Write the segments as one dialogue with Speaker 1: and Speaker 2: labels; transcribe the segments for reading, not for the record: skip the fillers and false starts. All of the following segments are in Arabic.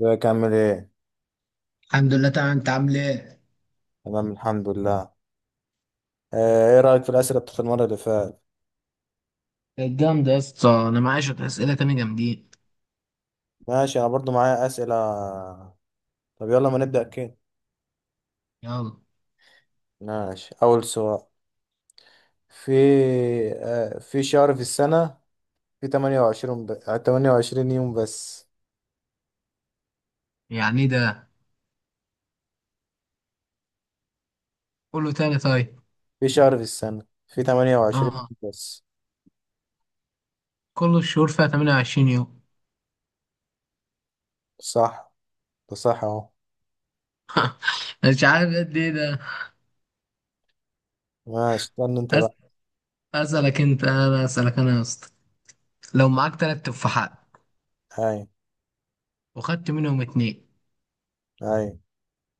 Speaker 1: ازيك عامل ايه؟
Speaker 2: الحمد لله، تمام. انت عامل ايه؟
Speaker 1: تمام الحمد لله. ايه رأيك في الأسئلة بتاعت المرة اللي فاتت؟
Speaker 2: كانت جامدة يا اسطى، أنا معايا شوية أسئلة تاني جامدين.
Speaker 1: ماشي انا برضو معايا أسئلة. طب يلا ما نبدأ كده.
Speaker 2: يلا.
Speaker 1: ماشي أول سؤال. في في شهر في السنة في 28 يوم بس.
Speaker 2: يعني إيه ده؟ كله تاني طيب.
Speaker 1: في شهر في السنة في 28
Speaker 2: آه.
Speaker 1: يوم بس.
Speaker 2: كل الشهور فيها 28 يوم.
Speaker 1: صح، ده صح اهو.
Speaker 2: مش عارف قد إيه ده.
Speaker 1: ماشي استنى انت
Speaker 2: أس-
Speaker 1: بقى.
Speaker 2: أسألك أنت، أنا أسألك أنا يا اسطى، لو معاك 3 تفاحات
Speaker 1: هاي،
Speaker 2: وخدت منهم 2
Speaker 1: هاي.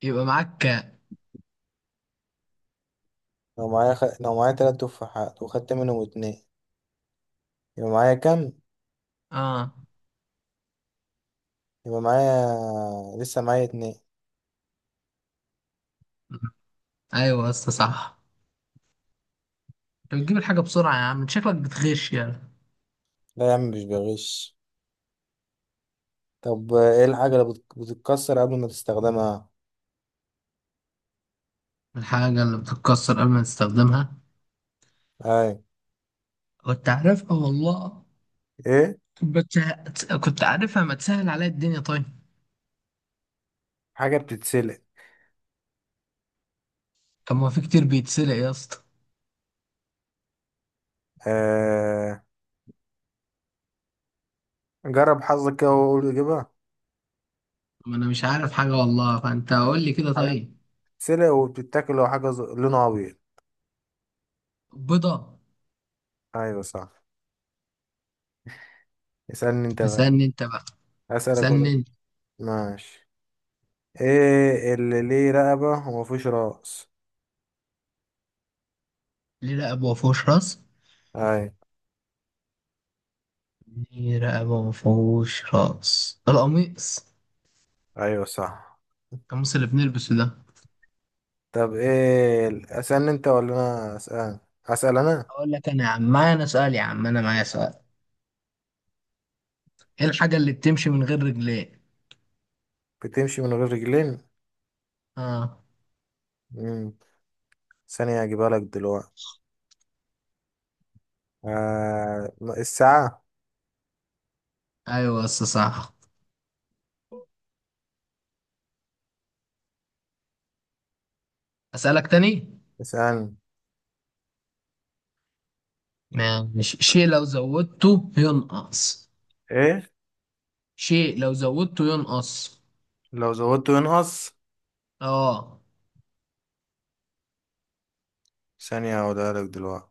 Speaker 2: يبقى معاك كام؟
Speaker 1: لو معايا تلات تفاحات وخدت منهم اتنين، يبقى معايا كام؟
Speaker 2: آه.
Speaker 1: يبقى معايا لسه معايا اتنين.
Speaker 2: أيوة يا اسطى صح. أنت بتجيب الحاجة بسرعة يا عم، شكلك بتغش يعني.
Speaker 1: لا يا عم مش بغش. طب ايه الحاجة اللي بتتكسر قبل ما تستخدمها؟
Speaker 2: الحاجة اللي بتتكسر قبل ما تستخدمها،
Speaker 1: اي،
Speaker 2: كنت عارفها والله.
Speaker 1: ايه؟
Speaker 2: كنت عارفها، ما تسهل عليا الدنيا طيب.
Speaker 1: حاجة بتتسلق.
Speaker 2: طب ما في كتير بيتسلق يا اسطى.
Speaker 1: آه... جرب حظك كده وقول اجيبها.
Speaker 2: ما انا مش عارف حاجه والله، فانت قول لي كده
Speaker 1: حاجة
Speaker 2: طيب.
Speaker 1: بتتسلق وبتتاكل، لو حاجة لونها ابيض.
Speaker 2: بيضه.
Speaker 1: ايوه صح. اسألني انت بقى.
Speaker 2: اسالني انت بقى،
Speaker 1: اسألك
Speaker 2: اسالني
Speaker 1: ولا؟
Speaker 2: انت.
Speaker 1: ماشي. ايه اللي ليه رقبة ومفيش رأس؟
Speaker 2: ليه رقبه وما فيهوش راس.
Speaker 1: اي؟
Speaker 2: ليه رقبه وما فيهوش راس، القميص.
Speaker 1: ايوه صح.
Speaker 2: القميص اللي بنلبسه ده.
Speaker 1: طب ايه اسألني انت ولا انا اسأل؟ اسأل انا.
Speaker 2: اقول لك انا يا عم، معايا انا سؤال، يا عم انا معايا سؤال. ايه الحاجه اللي بتمشي من غير رجلين؟
Speaker 1: بتمشي من غير رجلين؟
Speaker 2: اه.
Speaker 1: مم. ثانية هجيبها لك دلوقتي. آه، الساعة.
Speaker 2: ايوه بس صح. اسالك تاني.
Speaker 1: اسألني.
Speaker 2: ماشي، شيء لو زودته ينقص.
Speaker 1: ايه
Speaker 2: شيء لو زودته ينقص.
Speaker 1: لو زودته ينقص؟
Speaker 2: اه.
Speaker 1: ثانية هقولها لك دلوقتي.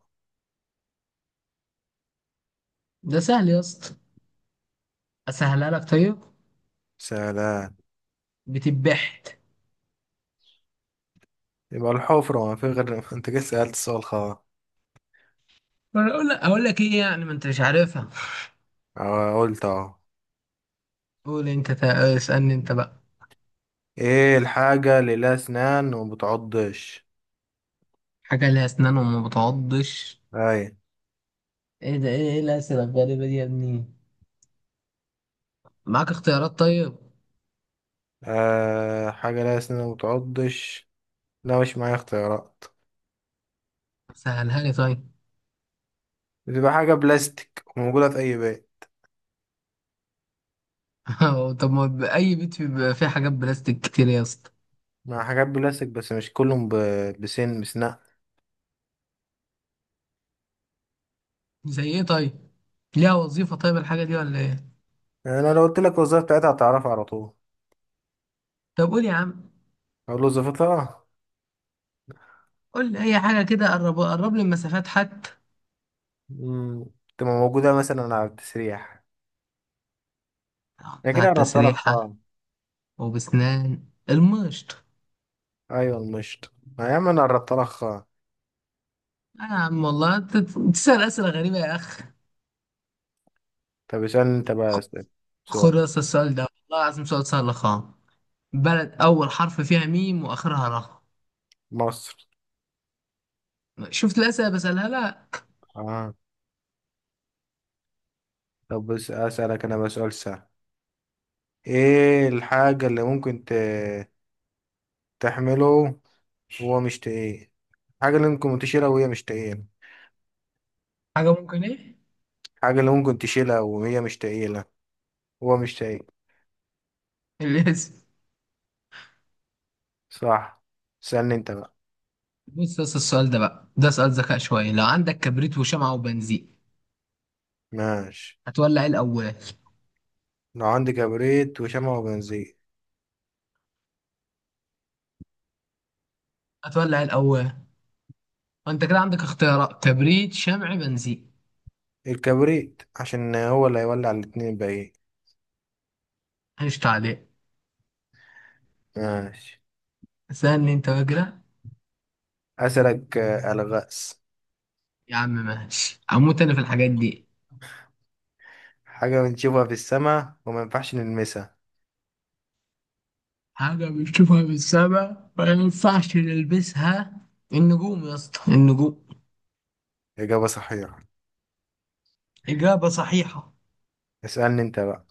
Speaker 2: ده سهل يا اسطى، اسهلها لك طيب.
Speaker 1: سلام.
Speaker 2: بتبحت.
Speaker 1: يبقى الحفرة ما في غير انت كده سألت السؤال خلاص.
Speaker 2: ولا اقول لك، اقول لك ايه؟ يعني ما انت مش عارفها.
Speaker 1: اه قلت اهو.
Speaker 2: قول انت، اسالني انت بقى.
Speaker 1: ايه الحاجة اللي لها اسنان وما بتعضش؟
Speaker 2: حاجه ليها اسنان وما بتعضش.
Speaker 1: اي؟
Speaker 2: ايه ده، ايه ايه الاسئله الغريبه دي يا ابني؟ معاك اختيارات طيب؟
Speaker 1: آه، حاجة لها اسنان وما بتعضش. لا مش معايا اختيارات.
Speaker 2: سهلها لي طيب.
Speaker 1: بتبقى حاجة بلاستيك وموجودة في اي بيت.
Speaker 2: طب ما ب- اي بيت بيبقى فيه حاجات بلاستيك كتير يا اسطى.
Speaker 1: مع حاجات بلاستيك، بس مش كلهم بسنان.
Speaker 2: زي ايه طيب؟ ليها وظيفه طيب الحاجه دي ولا ايه؟
Speaker 1: يعني انا لو قلت لك الوظيفة بتاعتها هتعرفها على طول.
Speaker 2: طب قول يا عم.
Speaker 1: اقول له وظيفتها؟
Speaker 2: قول لي اي حاجه كده، قرب قرب لي المسافات حتى.
Speaker 1: مم. تبقى موجودة مثلا على التسريح. أنا
Speaker 2: بتاع
Speaker 1: كده قربت لها
Speaker 2: التسريحة.
Speaker 1: خطأ.
Speaker 2: وبسنان المشط.
Speaker 1: أيوة المشط، ما يا عم أنا قربت لها خطأ.
Speaker 2: أنا يا عم والله أنت بتسأل أسئلة غريبة يا أخ.
Speaker 1: طب اسألني أنت بقى،
Speaker 2: خ-
Speaker 1: اسأل
Speaker 2: خد
Speaker 1: سؤال.
Speaker 2: بس السؤال ده والله العظيم سؤال سهل خالص. بلد أول حرف فيها ميم وآخرها راء.
Speaker 1: مصر.
Speaker 2: شفت الأسئلة بسألها؟ لا.
Speaker 1: آه. طب بس أسألك أنا بقى سؤال سهل. إيه الحاجة اللي تحمله وهو مش تقيل؟ الحاجة اللي ممكن تشيلها وهي مش تقيلة.
Speaker 2: حاجة ممكن إيه؟
Speaker 1: الحاجة اللي ممكن تشيلها وهي مش تقيلة، هو مش تقيل.
Speaker 2: الاسم.
Speaker 1: صح. اسألني أنت بقى.
Speaker 2: بص، بس السؤال ده بقى ده سؤال ذكاء شوية. لو عندك كبريت وشمعة وبنزين،
Speaker 1: ماشي.
Speaker 2: هتولع إيه الأول؟
Speaker 1: لو عندي كبريت وشمع وبنزين.
Speaker 2: هتولع إيه الأول؟ وأنت كده عندك اختيارات: كبريت، شمع، بنزين.
Speaker 1: الكبريت، عشان هو اللي هيولع الاتنين الباقيين.
Speaker 2: مش تعليق.
Speaker 1: ماشي.
Speaker 2: سألني أنت بقى كده.
Speaker 1: أسألك ألغاز.
Speaker 2: يا عم ماشي، هموت انا في الحاجات دي.
Speaker 1: حاجة بنشوفها في السماء وما ينفعش نلمسها.
Speaker 2: حاجة بنشوفها من السما ما ينفعش نلبسها. النجوم يا اسطى، النجوم.
Speaker 1: إجابة صحيحة.
Speaker 2: إجابة صحيحة.
Speaker 1: اسألني أنت بقى.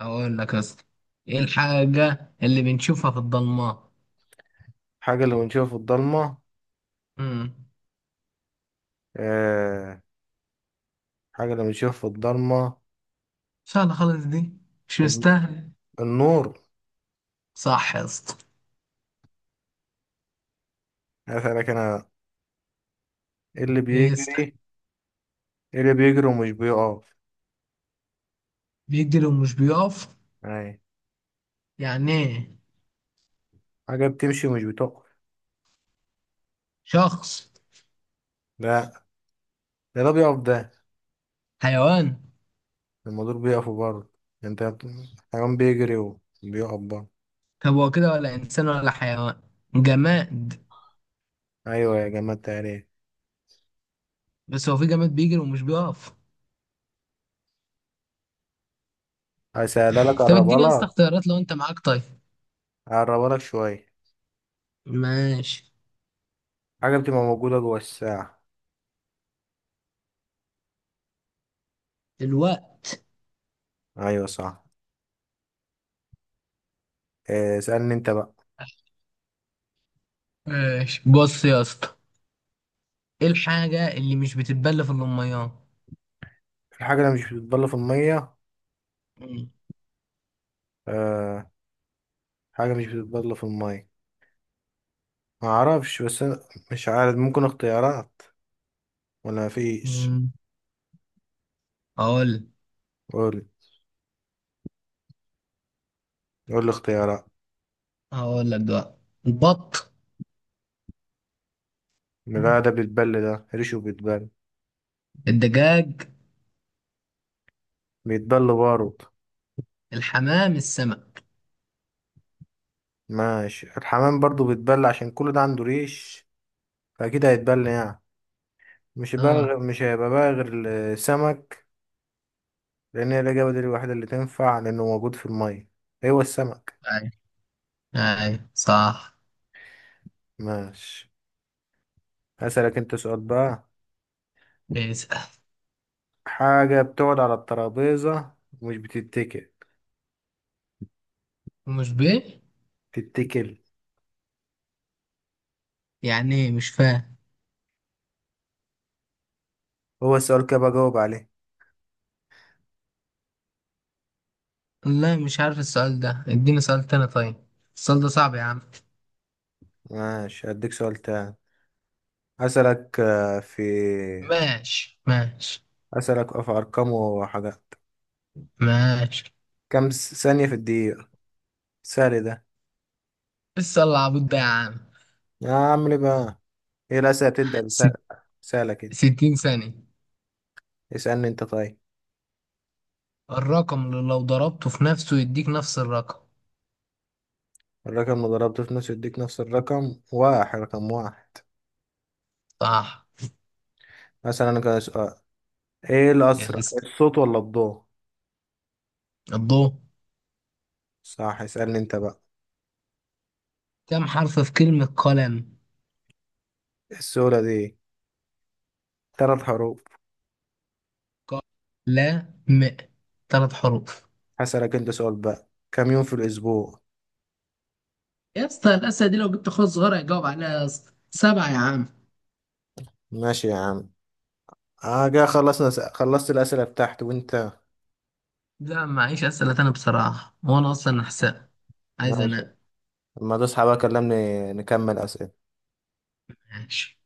Speaker 2: اقول لك يا اسطى، ايه الحاجة اللي بنشوفها في الضلمة؟
Speaker 1: حاجة اللي بنشوفها في الضلمة؟
Speaker 2: امم
Speaker 1: آه. حاجة اللي بنشوفها في الضلمة.
Speaker 2: سهلة خالص دي، مش مستاهل.
Speaker 1: النور.
Speaker 2: صح يا اسطى.
Speaker 1: أسألك أنا. إيه اللي
Speaker 2: ايه يستاهل.
Speaker 1: بيجري؟ إيه اللي بيجري ومش بيقف؟
Speaker 2: بيجري ومش بيقف.
Speaker 1: أي.
Speaker 2: يعني ايه؟
Speaker 1: حاجة بتمشي ومش بتقف.
Speaker 2: شخص.
Speaker 1: لا، ده بيقف ده.
Speaker 2: حيوان.
Speaker 1: المدور بيقف برضه. أنت. حيوان بيجري وبيقف برضه.
Speaker 2: طب هو كده ولا انسان ولا حيوان؟ جماد.
Speaker 1: ايوه يا جماعة التقريب.
Speaker 2: بس هو في جماد بيجري ومش بيقف؟
Speaker 1: هسألها لك،
Speaker 2: طب
Speaker 1: قربها
Speaker 2: اديني يا اسطى
Speaker 1: لك.
Speaker 2: اختيارات لو انت معاك طيب.
Speaker 1: قربها لك شوية.
Speaker 2: ماشي.
Speaker 1: حاجة بتبقى موجودة جوه الساعة.
Speaker 2: الوقت.
Speaker 1: ايوه صح. اسألني انت بقى.
Speaker 2: ماشي، بص يا اسطى، ايه الحاجة اللي مش بتتبل في الأميان؟
Speaker 1: الحاجة اللي مش بتتبل في المية.
Speaker 2: مم.
Speaker 1: أه، حاجة مش بتتبل في المية. ما اعرفش بس أنا، مش عارف، ممكن اختيارات ولا مفيش؟
Speaker 2: مم. هقول.
Speaker 1: قول، قول لي اختيارات.
Speaker 2: هقول لك دلوقتي. البط.
Speaker 1: لا، ده بيتبل ده، ريشه بيتبل.
Speaker 2: الدجاج.
Speaker 1: بيتبل برضه.
Speaker 2: الحمام، السمك.
Speaker 1: ماشي، الحمام برضه بيتبل عشان كل ده عنده ريش، فأكيد هيتبل يعني.
Speaker 2: اه.
Speaker 1: مش هيبقى بقى غير السمك، لان هي الاجابه دي الوحيده اللي تنفع لانه موجود في الميه، هو السمك.
Speaker 2: اي، اي صح.
Speaker 1: ماشي. هسألك انت سؤال بقى.
Speaker 2: اسأل.
Speaker 1: حاجه بتقعد على الترابيزه ومش بتتكل.
Speaker 2: ومش بيه؟
Speaker 1: تتكل.
Speaker 2: يعني ايه، مش فاهم.
Speaker 1: هو السؤال كده بجاوب عليه.
Speaker 2: لا مش عارف السؤال ده، اديني سؤال تاني طيب. السؤال ده صعب يا عم.
Speaker 1: ماشي هديك سؤال تاني. هسألك آه، في
Speaker 2: ماشي
Speaker 1: هسألك في ارقام وحاجات.
Speaker 2: ماشي.
Speaker 1: ثانيه في الدقيقه؟ سهل ده.
Speaker 2: لسه العبود ده يا عم؟
Speaker 1: يا عم ليه بقى؟ ايه الاسئله تبدا بسهل
Speaker 2: ست-
Speaker 1: سهله كده؟
Speaker 2: 60 ثانية.
Speaker 1: اسألني انت طيب.
Speaker 2: الرقم اللي لو ضربته في نفسه يديك نفس الرقم.
Speaker 1: الرقم اللي ضربته في نص يديك نفس الرقم؟ واحد، رقم واحد.
Speaker 2: صح.
Speaker 1: مثلا انا كده، ايه الاسرع،
Speaker 2: يس.
Speaker 1: الصوت ولا الضوء؟
Speaker 2: الضوء.
Speaker 1: صح. اسألني انت بقى.
Speaker 2: كم حرف في كلمة قلم؟
Speaker 1: السؤال دي ثلاث حروف.
Speaker 2: قلم 3 حروف.
Speaker 1: هسألك انت سؤال بقى، كم يوم في الاسبوع؟
Speaker 2: يا اسطى الأسئلة دي لو جبت أخويا الصغير هيجاوب عليها يا اسطى. 7 يا عم.
Speaker 1: ماشي يا عم. اه جا خلصنا خلصت الاسئله بتاعتي، وانت؟
Speaker 2: لا معيش أسئلة تانية بصراحة، وأنا أصلا نحسها. عايز
Speaker 1: ماشي.
Speaker 2: أنام.
Speaker 1: لما تصحى بقى كلمني نكمل اسئله.
Speaker 2: ماشي.